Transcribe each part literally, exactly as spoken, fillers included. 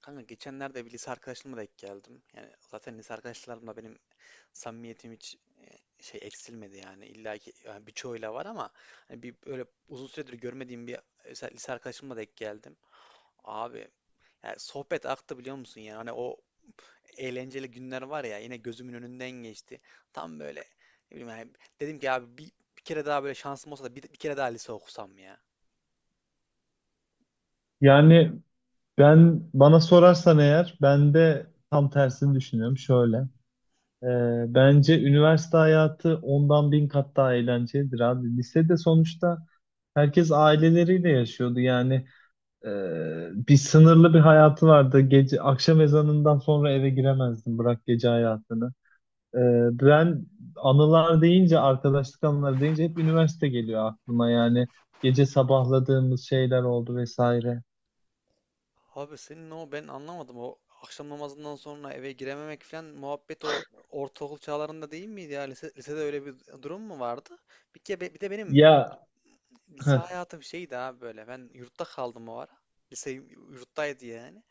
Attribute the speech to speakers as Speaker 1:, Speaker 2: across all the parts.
Speaker 1: Kanka geçenlerde bir lise arkadaşımla denk geldim. Yani zaten lise arkadaşlarımla benim samimiyetim hiç e, şey eksilmedi yani. İlla ki yani birçoğuyla var ama hani bir böyle uzun süredir görmediğim bir lise lise arkadaşımla denk geldim. Abi yani sohbet aktı biliyor musun, yani hani o eğlenceli günler var ya, yine gözümün önünden geçti. Tam böyle ne bileyim yani dedim ki abi bir, bir kere daha böyle şansım olsa da bir, bir kere daha lise okusam ya.
Speaker 2: Yani ben bana sorarsan eğer ben de tam tersini düşünüyorum. Şöyle. e, Bence üniversite hayatı ondan bin kat daha eğlencelidir abi. Lisede sonuçta herkes aileleriyle yaşıyordu. Yani e, Bir sınırlı bir hayatı vardı. Gece akşam ezanından sonra eve giremezdin. Bırak gece hayatını. E, Ben anılar deyince, arkadaşlık anıları deyince hep üniversite geliyor aklıma. Yani gece sabahladığımız şeyler oldu vesaire.
Speaker 1: Abi senin o ben anlamadım, o akşam namazından sonra eve girememek falan muhabbet o ortaokul çağlarında değil miydi ya? Lise- lisede öyle bir durum mu vardı? Bir ke bir de benim
Speaker 2: Ya,
Speaker 1: lise
Speaker 2: heh.
Speaker 1: hayatım şeydi abi, böyle ben yurtta kaldım o ara. Lise yurttaydı yani.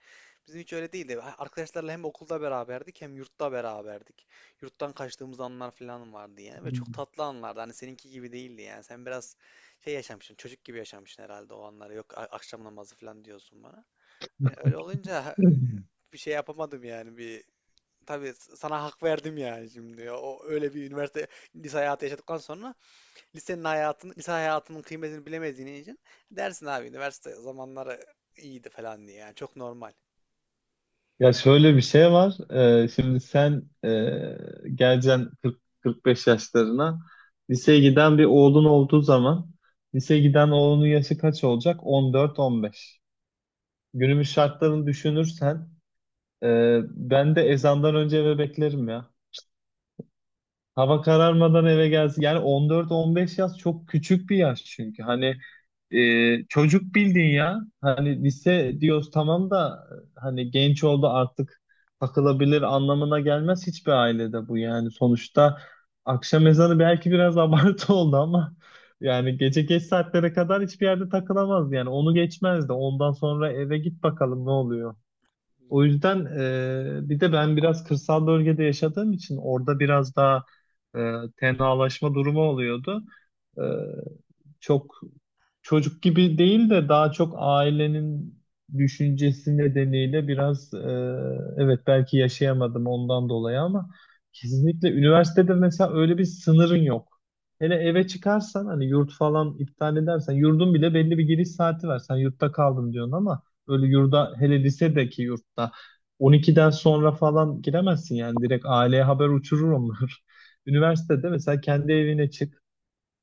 Speaker 1: Bizim hiç öyle değildi. Arkadaşlarla hem okulda beraberdik hem yurtta beraberdik. Yurttan kaçtığımız anlar falan vardı yani, ve çok tatlı anlardı. Hani seninki gibi değildi yani. Sen biraz şey yaşamışsın, çocuk gibi yaşamışsın herhalde o anları. Yok, a- akşam namazı falan diyorsun bana. Ne, Öyle olunca bir şey yapamadım yani. Bir tabii sana hak verdim yani, şimdi o öyle bir üniversite lise hayatı yaşadıktan sonra lisenin hayatını, lise hayatının kıymetini bilemediğin için dersin abi üniversite zamanları iyiydi falan diye. Yani çok normal.
Speaker 2: Ya şöyle bir şey var. Ee, şimdi sen e, geleceksin kırk kırk beş yaşlarına. Liseye giden bir oğlun olduğu zaman liseye giden oğlunun yaşı kaç olacak? on dört on beş. Günümüz şartlarını düşünürsen e, ben de ezandan önce eve beklerim ya. Hava kararmadan eve gelsin. Yani on dört on beş yaş çok küçük bir yaş çünkü. Hani e, çocuk bildin ya. Hani lise diyoruz tamam da hani genç oldu artık takılabilir anlamına gelmez hiçbir ailede bu yani. Sonuçta akşam ezanı belki biraz abartı oldu ama yani gece geç saatlere kadar hiçbir yerde takılamaz yani. Onu geçmezdi. Ondan sonra eve git bakalım ne oluyor. O yüzden e, bir de ben biraz kırsal bölgede yaşadığım için orada biraz daha e, tenalaşma durumu oluyordu. E, Çok çocuk gibi değil de daha çok ailenin düşüncesi nedeniyle biraz e, evet belki yaşayamadım ondan dolayı ama kesinlikle üniversitede mesela öyle bir sınırın yok. Hele eve çıkarsan hani yurt falan iptal edersen yurdun bile belli bir giriş saati var. Sen yurtta kaldım diyorsun ama öyle yurda hele lisedeki yurtta on ikiden sonra falan giremezsin yani direkt aileye haber uçurur onlar. Üniversitede mesela kendi evine çık,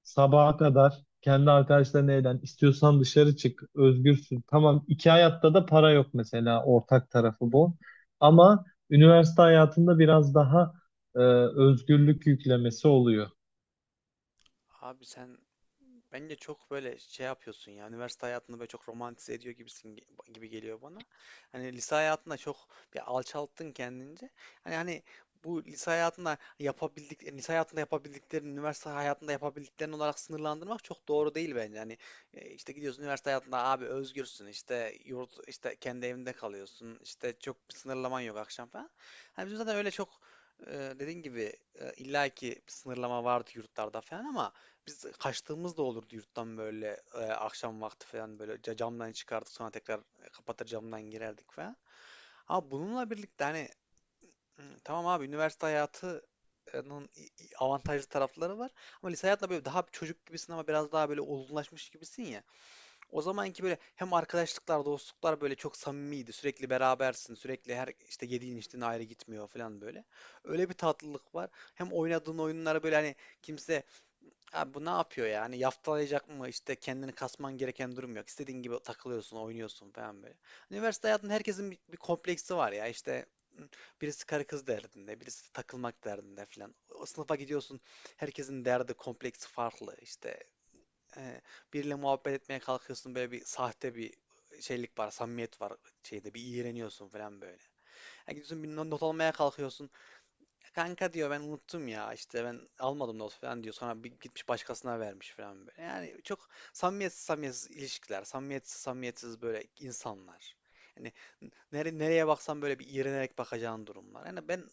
Speaker 2: sabaha kadar kendi arkadaşlarına eğlen istiyorsan dışarı çık, özgürsün. Tamam, iki hayatta da para yok mesela, ortak tarafı bu. Ama üniversite hayatında biraz daha e, özgürlük yüklemesi oluyor.
Speaker 1: Abi sen, bence çok böyle şey yapıyorsun ya, üniversite hayatını böyle çok romantize ediyor gibisin ge- gibi geliyor bana. Hani lise hayatında çok bir alçalttın kendince. Hani hani bu lise hayatında yapabildik lise hayatında yapabildiklerini üniversite hayatında yapabildiklerini olarak sınırlandırmak çok doğru değil bence. Hani e, işte gidiyorsun üniversite hayatında, abi özgürsün, işte yurt, işte kendi evinde kalıyorsun, işte çok bir sınırlaman yok akşam falan. Hani bizim zaten öyle çok e, dediğin gibi e, illaki bir sınırlama vardı yurtlarda falan, ama biz kaçtığımız da olurdu yurttan, böyle e, akşam vakti falan böyle ca- camdan çıkardık, sonra tekrar e, kapatır camdan girerdik falan. Ama bununla birlikte hani hı, tamam abi üniversite hayatının i- i- avantajlı tarafları var. Ama lise hayatında böyle daha bir çocuk gibisin, ama biraz daha böyle olgunlaşmış gibisin ya. O zamanki böyle hem arkadaşlıklar, dostluklar böyle çok samimiydi. Sürekli berabersin. Sürekli her işte yediğin içtiğin ayrı gitmiyor falan böyle. Öyle bir tatlılık var. Hem oynadığın oyunlara böyle hani kimse abi bu ne yapıyor ya, hani yaftalayacak mı, İşte kendini kasman gereken durum yok. İstediğin gibi takılıyorsun, oynuyorsun falan böyle. Hani üniversite hayatında herkesin bir, bir kompleksi var ya. İşte birisi karı kız derdinde, birisi takılmak derdinde falan. O sınıfa gidiyorsun, herkesin derdi, kompleksi farklı. İşte e, biriyle muhabbet etmeye kalkıyorsun, böyle bir sahte bir şeylik var, samimiyet var, şeyde bir iğreniyorsun falan böyle. Yani gidiyorsun bir not almaya kalkıyorsun. Kanka diyor ben unuttum ya, işte ben almadım not falan diyor. Sonra bir gitmiş başkasına vermiş falan böyle. Yani çok samimiyetsiz samimiyetsiz ilişkiler, samimiyetsiz samimiyetsiz böyle insanlar. Yani nere, nereye baksan böyle bir iğrenerek bakacağın durumlar. Yani ben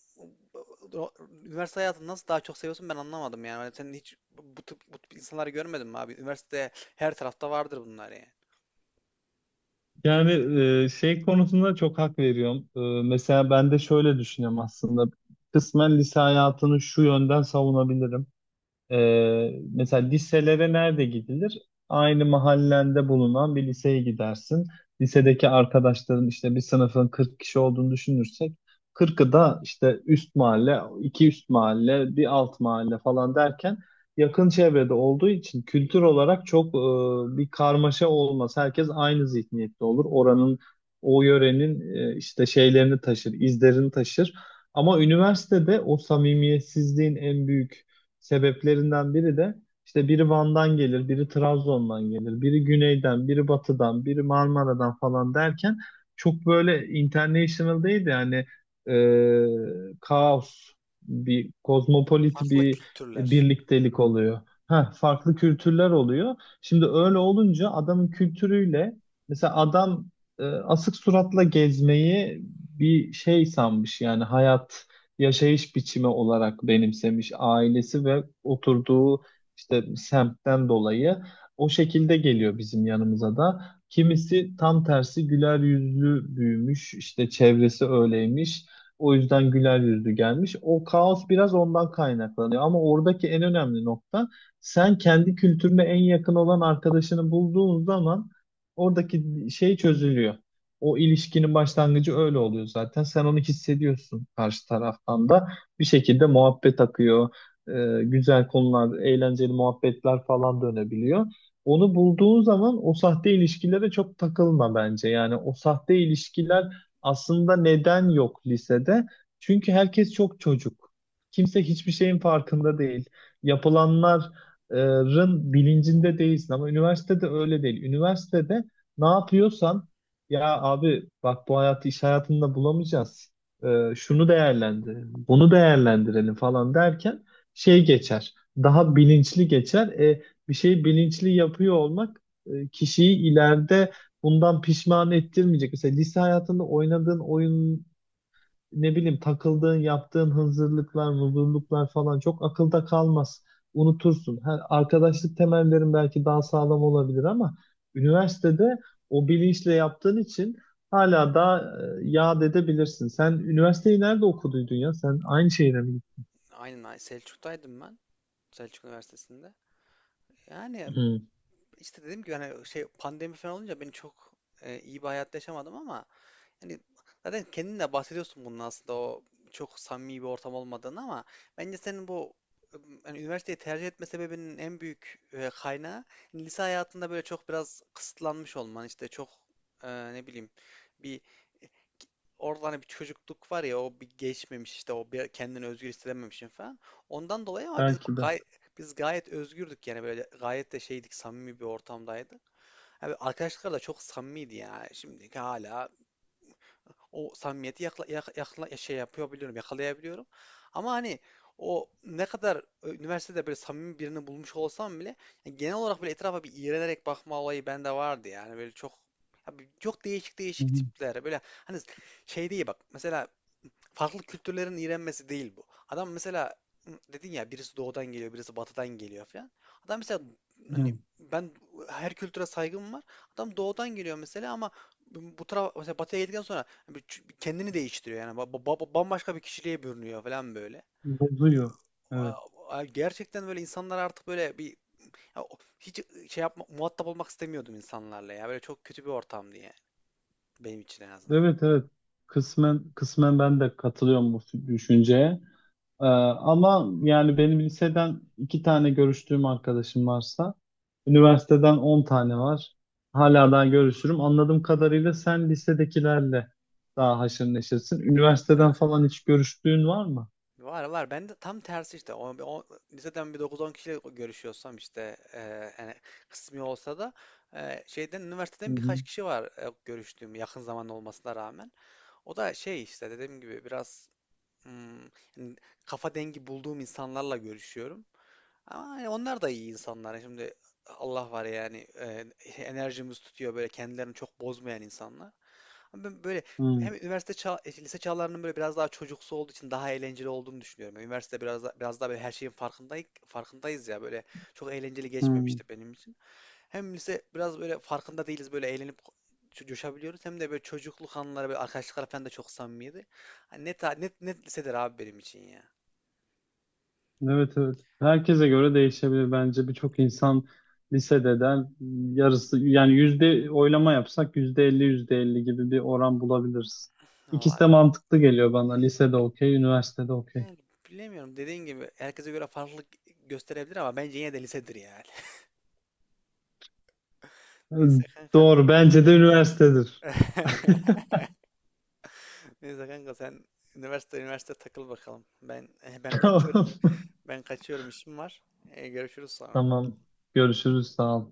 Speaker 1: üniversite hayatını nasıl daha çok seviyorsun ben anlamadım yani. Hani sen hiç bu tip, bu tip insanları görmedin mi abi? Üniversitede her tarafta vardır bunlar yani.
Speaker 2: Yani e, şey konusunda çok hak veriyorum. E, mesela ben de şöyle düşünüyorum aslında. Kısmen lise hayatını şu yönden savunabilirim. Ee, mesela liselere nerede gidilir? Aynı mahallende bulunan bir liseye gidersin. Lisedeki arkadaşların, işte bir sınıfın kırk kişi olduğunu düşünürsek, kırkı da işte üst mahalle, iki üst mahalle, bir alt mahalle falan derken yakın çevrede olduğu için kültür olarak çok e, bir karmaşa olmaz. Herkes aynı zihniyette olur. Oranın, o yörenin, e, işte şeylerini taşır, izlerini taşır. Ama üniversitede o samimiyetsizliğin en büyük sebeplerinden biri de işte biri Van'dan gelir, biri Trabzon'dan gelir, biri güneyden, biri batıdan, biri Marmara'dan falan derken çok böyle international değil de yani e, kaos, bir kozmopolit
Speaker 1: Farklı
Speaker 2: bir
Speaker 1: kültürler.
Speaker 2: birliktelik oluyor. Ha, farklı kültürler oluyor. Şimdi öyle olunca adamın kültürüyle, mesela adam e, asık suratla gezmeyi bir şey sanmış, yani hayat yaşayış biçimi olarak benimsemiş ailesi ve oturduğu işte semtten dolayı o şekilde geliyor bizim yanımıza da. Kimisi tam tersi güler yüzlü büyümüş, işte çevresi öyleymiş. O yüzden güler yüzlü gelmiş. O kaos biraz ondan kaynaklanıyor. Ama oradaki en önemli nokta, sen kendi kültürüne en yakın olan arkadaşını bulduğun zaman oradaki şey çözülüyor. O ilişkinin başlangıcı öyle oluyor zaten. Sen onu hissediyorsun karşı taraftan da. Bir şekilde muhabbet akıyor. Ee, güzel konular, eğlenceli muhabbetler falan dönebiliyor. Onu bulduğun zaman o sahte ilişkilere çok takılma bence. Yani o sahte ilişkiler aslında neden yok lisede? Çünkü herkes çok çocuk. Kimse hiçbir şeyin farkında değil. Yapılanların bilincinde değilsin ama üniversitede öyle değil. Üniversitede ne yapıyorsan ya abi bak, bu hayatı iş hayatında bulamayacağız. Ee, şunu değerlendirelim, bunu değerlendirelim falan derken şey geçer. Daha bilinçli geçer. E, bir şeyi bilinçli yapıyor olmak e, kişiyi ileride bundan pişman ettirmeyecek. Mesela lise hayatında oynadığın oyun, ne bileyim, takıldığın, yaptığın hazırlıklar vurdurluklar falan çok akılda kalmaz. Unutursun. Ha, arkadaşlık temellerin belki daha sağlam olabilir ama üniversitede o bilinçle yaptığın için hala daha e, yad edebilirsin. Sen üniversiteyi nerede okuduydun ya? Sen aynı şehire mi gittin?
Speaker 1: Aynen aynen. Selçuk'taydım ben. Selçuk Üniversitesi'nde. Yani
Speaker 2: Hı.
Speaker 1: işte dediğim gibi hani şey, pandemi falan olunca ben çok e, iyi bir hayat yaşamadım ama yani zaten kendin de bahsediyorsun bunun aslında o çok samimi bir ortam olmadığını. Ama bence senin bu ım, hani üniversiteyi tercih etme sebebinin en büyük e, kaynağı lise hayatında böyle çok biraz kısıtlanmış olman, işte çok e, ne bileyim bir orada hani bir çocukluk var ya, o bir geçmemiş, işte o bir kendini özgür hissedememişsin falan. Ondan dolayı. Ama biz
Speaker 2: Belki de.
Speaker 1: gay biz gayet özgürdük yani, böyle gayet de şeydik, samimi bir ortamdaydı. Abi arkadaşlarla çok samimiydi yani, şimdi hala o samimiyeti yakla, yak- yakla- şey yapabiliyorum, yakalayabiliyorum. Ama hani o ne kadar e, üniversitede böyle samimi birini bulmuş olsam bile yani genel olarak böyle etrafa bir iğrenerek bakma olayı bende vardı yani, böyle çok abi çok değişik
Speaker 2: Hı
Speaker 1: değişik
Speaker 2: hı.
Speaker 1: tipler böyle hani şey değil, bak mesela farklı kültürlerin iğrenmesi değil bu. Adam mesela dedin ya, birisi doğudan geliyor, birisi batıdan geliyor falan. Adam mesela hani,
Speaker 2: Hı.
Speaker 1: ben her kültüre saygım var. Adam doğudan geliyor mesela, ama bu bu tarafa mesela batıya geldikten sonra kendini değiştiriyor yani, Ba- ba- bambaşka bir kişiliğe bürünüyor falan böyle.
Speaker 2: Bozuyor. Evet.
Speaker 1: a- Gerçekten böyle insanlar artık böyle bir ya o- hiç ıı, şey yapma, muhatap olmak istemiyordum insanlarla ya, böyle çok kötü bir ortamdı yani benim için en azından.
Speaker 2: Evet, evet. Kısmen kısmen ben de katılıyorum bu düşünceye. Ee, ama yani benim liseden iki tane görüştüğüm arkadaşım varsa, üniversiteden on tane var. Hala daha görüşürüm. Anladığım kadarıyla sen lisedekilerle daha haşır neşirsin.
Speaker 1: Evet,
Speaker 2: Üniversiteden
Speaker 1: evet.
Speaker 2: falan hiç görüştüğün var mı?
Speaker 1: Var var. Ben de tam tersi işte. O, o, liseden bir dokuz on kişiyle görüşüyorsam işte e, yani, kısmi olsa da e, şeyden
Speaker 2: Hı
Speaker 1: üniversiteden
Speaker 2: hı.
Speaker 1: birkaç kişi var e, görüştüğüm, yakın zaman olmasına rağmen. O da şey, işte dediğim gibi biraz hmm, yani kafa dengi bulduğum insanlarla görüşüyorum. Ama hani onlar da iyi insanlar. Şimdi Allah var yani, e, enerjimiz tutuyor, böyle kendilerini çok bozmayan insanlar. Ama ben böyle
Speaker 2: Hı
Speaker 1: hem üniversite çağ, e, lise çağlarının böyle biraz daha çocuksu olduğu için daha eğlenceli olduğunu düşünüyorum. Yani üniversite biraz daha, biraz daha böyle her şeyin farkındayız, farkındayız ya, böyle çok eğlenceli
Speaker 2: hı.
Speaker 1: geçmemişti benim için. Hem lise biraz böyle farkında değiliz, böyle eğlenip co- coşabiliyoruz, hem de böyle çocukluk anıları, böyle arkadaşlıklar falan da çok samimiydi. Hani net, ha- net, net lisedir abi benim için ya.
Speaker 2: Evet, evet. Herkese göre değişebilir bence. Birçok insan lisededen yarısı, yani yüzde oylama yapsak yüzde elli yüzde elli gibi bir oran bulabiliriz. İkisi de
Speaker 1: Vallahi
Speaker 2: mantıklı geliyor bana. Lisede okey, üniversitede okey.
Speaker 1: yani bilemiyorum, dediğin gibi herkese göre farklılık gösterebilir, ama bence yine de lisedir yani. Neyse kanka.
Speaker 2: Doğru. Bence de üniversitedir.
Speaker 1: Neyse kanka sen üniversite üniversite takıl bakalım. Ben ben
Speaker 2: Tamam.
Speaker 1: kaçıyorum. Ben kaçıyorum, işim var. E, görüşürüz sonra.
Speaker 2: Tamam. Görüşürüz. Sağ ol.